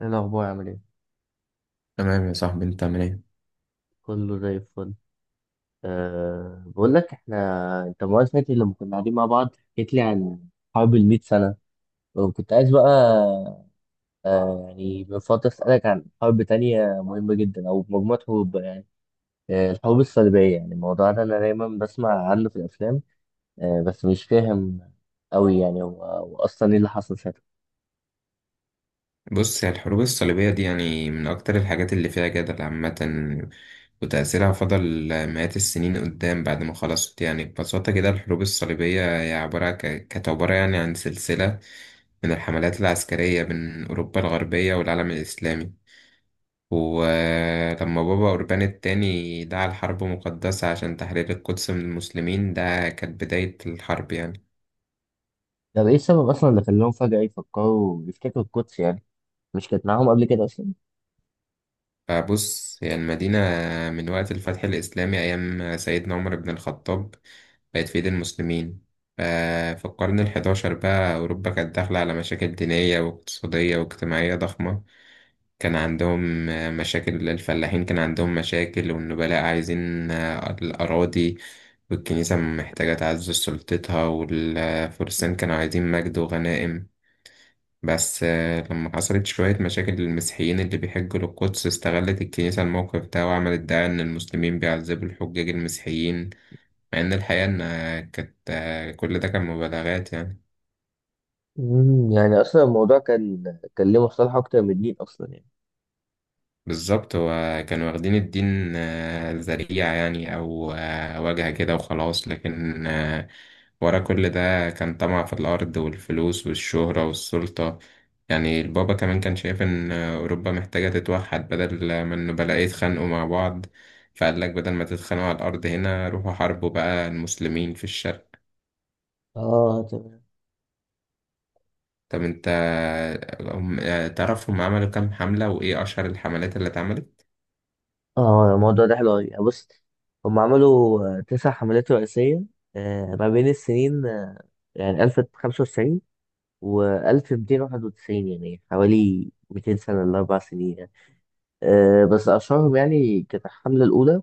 ايه الاخبار عامل ايه؟ تمام يا صاحبي، انت عامل ايه؟ كله زي الفل. بقول لك احنا. انت المره اللي فاتت لما كنا قاعدين مع بعض حكيت لي عن حرب المئة سنه، وكنت عايز بقى يعني من فتره اسالك عن حرب تانية مهمه جدا او مجموعه حروب بقى يعني. الحروب الصليبيه، يعني الموضوع ده انا دايما بسمع عنه في الافلام، بس مش فاهم قوي يعني، هو اصلا ايه اللي حصل ساعتها؟ بص، هي الحروب الصليبية دي يعني من أكتر الحاجات اللي فيها جدل عامة، وتأثيرها فضل مئات السنين قدام بعد ما خلصت. يعني ببساطة كده الحروب الصليبية هي كانت عبارة يعني عن سلسلة من الحملات العسكرية بين أوروبا الغربية والعالم الإسلامي. ولما بابا أوربان التاني دعا لحرب مقدسة عشان تحرير القدس من المسلمين، ده كانت بداية الحرب يعني. طب ايه السبب اصلا اللي خلاهم فجاه يفكروا يفتكروا القدس يعني، مش كانت معاهم قبل كده اصلا؟ فبص، هي المدينة من وقت الفتح الإسلامي أيام سيدنا عمر بن الخطاب بقت في إيد المسلمين. ف- في القرن الحداشر بقى أوروبا كانت داخلة على مشاكل دينية واقتصادية واجتماعية ضخمة. كان عندهم مشاكل الفلاحين، كان عندهم مشاكل، والنبلاء عايزين الأراضي، والكنيسة محتاجة تعزز سلطتها، والفرسان كانوا عايزين مجد وغنائم. بس لما حصلت شوية مشاكل للمسيحيين اللي بيحجوا للقدس، استغلت الكنيسة الموقف ده وعملت دعاية إن المسلمين بيعذبوا الحجاج المسيحيين، مع إن الحقيقة إن آه، كانت آه، كل ده كان مبالغات يعني. يعني اصلا الموضوع كان ليه مصلحه اكتر من الدين اصلا يعني. بالظبط، هو كانوا واخدين الدين ذريعة يعني، أو واجهة كده وخلاص، لكن ورا كل ده كان طمع في الأرض والفلوس والشهرة والسلطة. يعني البابا كمان كان شايف إن أوروبا محتاجة تتوحد بدل ما إنه بلاقي يتخانقوا مع بعض، فقال لك بدل ما تتخانقوا على الأرض هنا، روحوا حاربوا بقى المسلمين في الشرق. اه، تمام. طب أنت، تعرف هم عملوا كام حملة وإيه أشهر الحملات اللي اتعملت؟ اه، الموضوع ده حلو قوي. بص، هم عملوا تسع حملات رئيسيه، ما بين السنين يعني 1095 و 1291، يعني حوالي 200 سنه ل 4 سنين يعني. بس اشهرهم يعني كانت الحمله الاولى،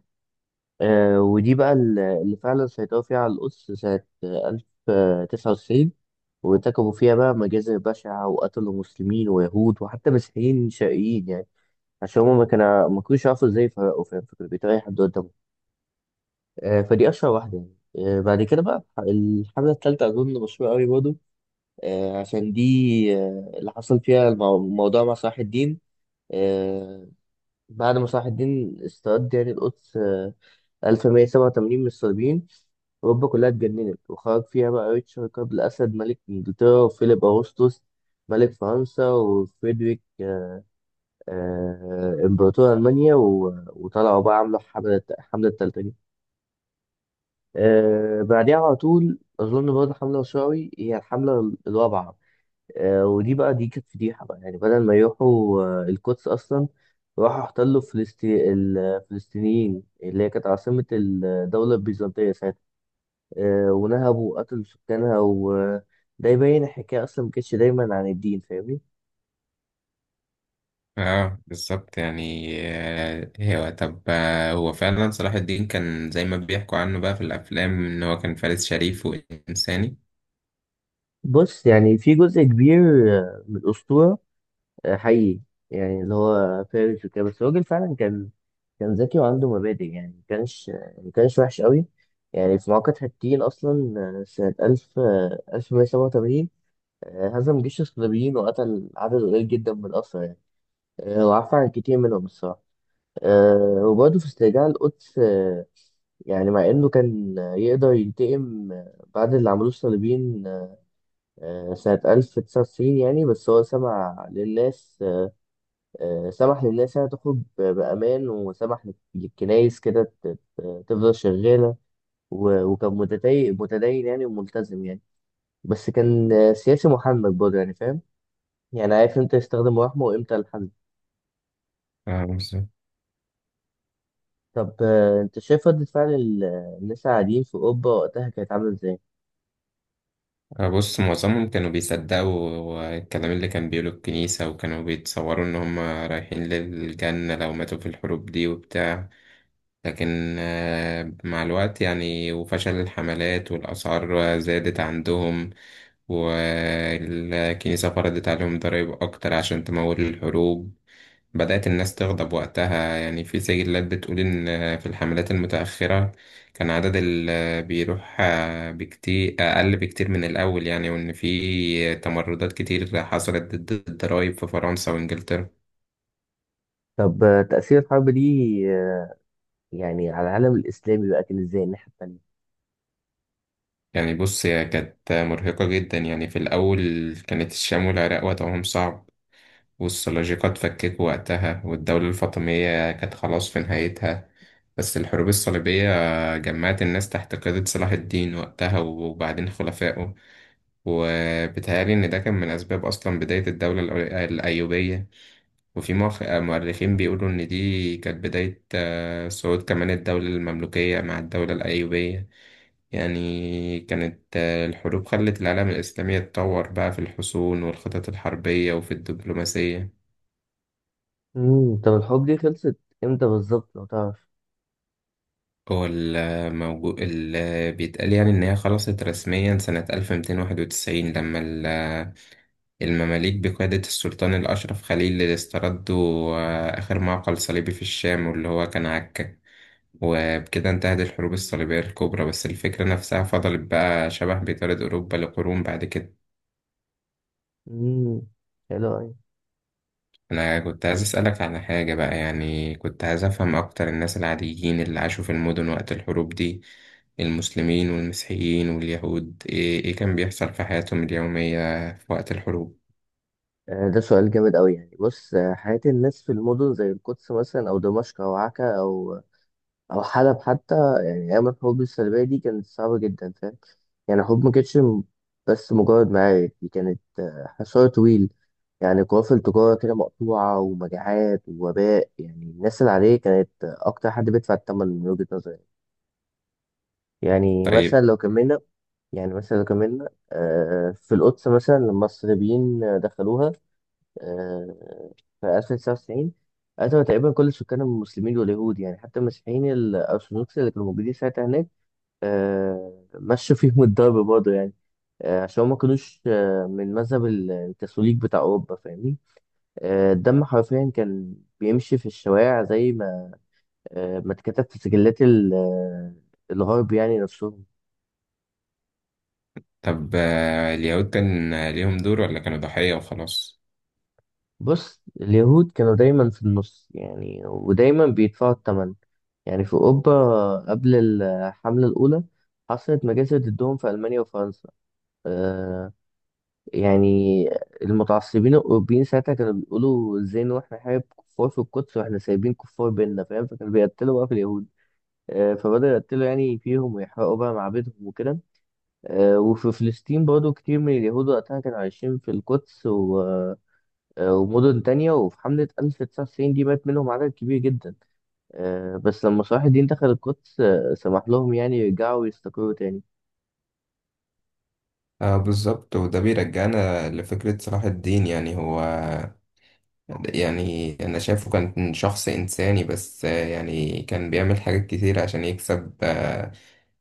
ودي بقى اللي فعلا سيطروا فيها على القدس سنة ألف تسعة وتسعين، وارتكبوا فيها بقى مجازر بشعة وقتلوا مسلمين ويهود وحتى مسيحيين شرقيين يعني. عشان هما ما كانوش يعرفوا ازاي يفرقوا، فاهم؟ فكانوا بيتريقوا أي حد قدامهم. فدي أشهر واحدة يعني. بعد كده بقى الحملة التالتة أظن مشهورة أوي برضه، عشان دي، اللي حصل فيها الموضوع مع صلاح الدين. آه، بعد ما صلاح الدين استرد يعني القدس 1187 من الصليبيين، أوروبا كلها اتجننت وخرج فيها بقى ريتشارد قبل الأسد ملك إنجلترا، وفيليب أغسطس ملك فرنسا، وفريدريك إمبراطور ألمانيا، وطلعوا بقى عملوا الحملة التلتانية. بعديها على طول أظن برضه حملة شوي، هي الحملة الرابعة، ودي بقى دي كانت فضيحة بقى، يعني بدل ما يروحوا القدس أصلا، راحوا احتلوا الفلسطينيين اللي هي كانت عاصمة الدولة البيزنطية. ونهبوا وقتلوا سكانها، وده يبين الحكاية أصلا ما كانتش دايما عن الدين، فاهمني؟ اه بالظبط. يعني آه، هو طب آه، هو فعلا صلاح الدين كان زي ما بيحكوا عنه بقى في الافلام، ان هو كان فارس شريف وانساني؟ بص، يعني في جزء كبير من الأسطورة حقيقي، يعني اللي هو فارس وكده، بس الراجل فعلا كان ذكي وعنده مبادئ، يعني ما كانش وحش قوي. يعني في معركة حطين أصلا سنة ألف مية سبعة وتمانين، هزم جيش الصليبيين وقتل عدد قليل جدا من الأسرى يعني. وعفى عن كتير منهم الصراحة. وبرضه في استرجاع القدس، يعني مع انه كان يقدر ينتقم بعد اللي عملوه الصليبيين سنة 1990 يعني، بس هو سمع للناس آه، سمح للناس انها تخرج بأمان، وسمح للكنايس كده تفضل شغالة. وكان متدين متدين يعني وملتزم يعني، بس كان سياسي محنك برضه، يعني فاهم يعني، عارف امتى يستخدم رحمه وامتى الحل. اه بالظبط. طب انت شايف ردة فعل الناس العاديين في أوروبا وقتها كانت عاملة ازاي؟ بص، معظمهم كانوا بيصدقوا الكلام اللي كان بيقوله الكنيسة، وكانوا بيتصوروا ان هم رايحين للجنة لو ماتوا في الحروب دي وبتاع. لكن مع الوقت يعني، وفشل الحملات والاسعار زادت عندهم، والكنيسة فرضت عليهم ضرائب أكتر عشان تمول الحروب، بدأت الناس تغضب وقتها. يعني في سجلات بتقول إن في الحملات المتأخرة كان عدد اللي بيروح بكتير أقل بكتير من الأول يعني، وإن في تمردات كتير حصلت ضد الضرايب في فرنسا وإنجلترا. طب تأثير الحرب دي يعني على العالم الإسلامي بقى كان إزاي الناحية التانية؟ يعني بص، هي كانت مرهقة جدا. يعني في الأول كانت الشام والعراق وضعهم صعب، والسلاجقة اتفككوا وقتها، والدولة الفاطمية كانت خلاص في نهايتها. بس الحروب الصليبية جمعت الناس تحت قيادة صلاح الدين وقتها وبعدين خلفائه، وبيتهيألي إن ده كان من أسباب أصلا بداية الدولة الأيوبية. وفي مؤرخين بيقولوا إن دي كانت بداية صعود كمان الدولة المملوكية مع الدولة الأيوبية. يعني كانت الحروب خلت العالم الإسلامي يتطور بقى في الحصون والخطط الحربية وفي الدبلوماسية. طب الحروب دي خلصت امتى بالظبط لو تعرف؟ هو الموجود اللي بيتقال يعني إن هي خلصت رسميا سنة 1291، لما المماليك بقيادة السلطان الأشرف خليل اللي استردوا آخر معقل صليبي في الشام، واللي هو كان عكا، وبكده انتهت الحروب الصليبية الكبرى. بس الفكرة نفسها فضلت بقى شبه بطارد أوروبا لقرون بعد كده. امم حلو أوي. أنا كنت عايز أسألك على حاجة بقى، يعني كنت عايز أفهم أكتر الناس العاديين اللي عاشوا في المدن وقت الحروب دي، المسلمين والمسيحيين واليهود، إيه كان بيحصل في حياتهم اليومية في وقت الحروب؟ ده سؤال جامد أوي يعني. بص، حياة الناس في المدن زي القدس مثلا، أو دمشق، أو عكا، أو حلب حتى، يعني أيام الحروب الصليبية دي كانت صعبة جدا، فاهم؟ يعني الحروب ما كانتش بس مجرد معارك، دي كانت حصار طويل، يعني قوافل تجارة كده مقطوعة، ومجاعات ووباء. يعني الناس العادية كانت أكتر حد بيدفع الثمن من وجهة نظري. يعني مثلا طيب. لو كملنا، في القدس مثلا لما الصليبيين دخلوها آه، في 1099، قتلوا تقريبا كل سكان المسلمين واليهود، يعني حتى المسيحيين الأرثوذكس اللي كانوا موجودين ساعتها هناك مشوا فيهم الضرب برضه يعني. عشان هما ما كانوش من مذهب الكاثوليك بتاع أوروبا، فاهمني؟ الدم حرفيا كان بيمشي في الشوارع زي ما ما اتكتب في سجلات الغرب يعني نفسهم. طب اليهود كان ليهم دور، ولا كانوا ضحية وخلاص؟ بص، اليهود كانوا دايما في النص، يعني ودايما بيدفعوا الثمن. يعني في أوروبا قبل الحملة الأولى حصلت مجازر ضدهم في ألمانيا وفرنسا. آه يعني المتعصبين الأوروبيين ساعتها كانوا بيقولوا إزاي نروح نحارب كفار في القدس وإحنا سايبين كفار بيننا، فاهم؟ فكانوا بيقتلوا بقى في اليهود. فبدأوا يقتلوا يعني فيهم ويحرقوا بقى معابدهم وكده. وفي فلسطين برضو كتير من اليهود وقتها كانوا عايشين في القدس، و آه، ومدن تانية. وفي حملة 1990 دي مات منهم عدد كبير جدا، بس لما صلاح الدين دخل القدس سمح لهم يعني يرجعوا ويستقروا تاني. آه بالظبط. وده بيرجعنا لفكرة صلاح الدين. يعني هو، يعني أنا شايفه كان شخص إنساني، بس يعني كان بيعمل حاجات كتير عشان يكسب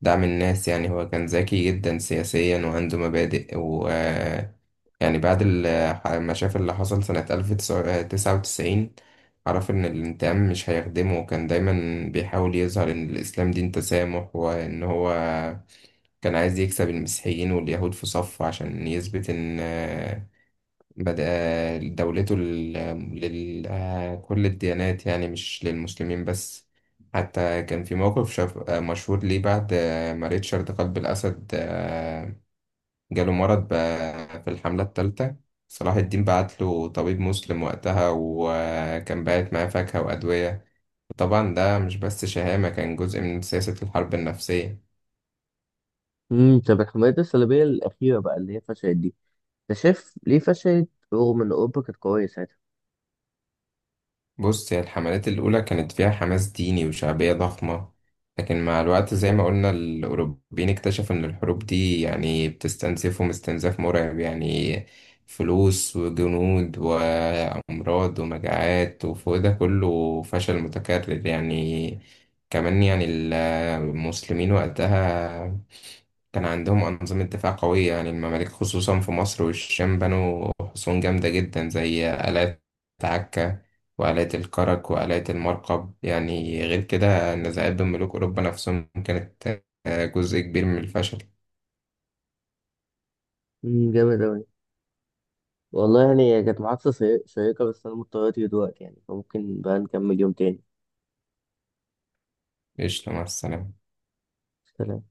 دعم الناس. يعني هو كان ذكي جدا سياسيا وعنده مبادئ. يعني بعد ما شاف اللي حصل سنة 1099، عرف إن الانتقام مش هيخدمه، وكان دايما بيحاول يظهر إن الإسلام دين تسامح، وإن هو كان عايز يكسب المسيحيين واليهود في صفه عشان يثبت إن بدأ دولته لكل الديانات، يعني مش للمسلمين بس. حتى كان في موقف شاف آه، مشهور ليه، بعد ما ريتشارد قلب الأسد جاله مرض بقى في الحملة التالتة، صلاح الدين بعت له طبيب مسلم وقتها، وكان باعت معاه فاكهة وأدوية. طبعا ده مش بس شهامة، كان جزء من سياسة الحرب النفسية. طب الحملات الصليبية الأخيرة بقى اللي هي فشلت دي، أنت شايف ليه فشلت رغم إن أوروبا كانت قوية ساعتها؟ بص، هي الحملات الأولى كانت فيها حماس ديني وشعبية ضخمة، لكن مع الوقت زي ما قلنا، الأوروبيين اكتشفوا إن الحروب دي يعني بتستنزفهم استنزاف مرعب. يعني فلوس وجنود وأمراض ومجاعات، وفوق ده كله فشل متكرر يعني. كمان يعني المسلمين وقتها كان عندهم أنظمة دفاع قوية. يعني المماليك خصوصا في مصر والشام بنوا حصون جامدة جدا، زي آلات عكا وآلات الكرك وآلات المرقب. يعني غير كده، النزاعات بين ملوك أوروبا نفسهم كانت جزء كبير من الفشل. جامد أوي والله. يعني هي كانت محادثة شيقة، بس أنا مضطر أطير دلوقتي يعني، فممكن بقى نكمل يوم تاني. قشطة، مع السلامة. سلام.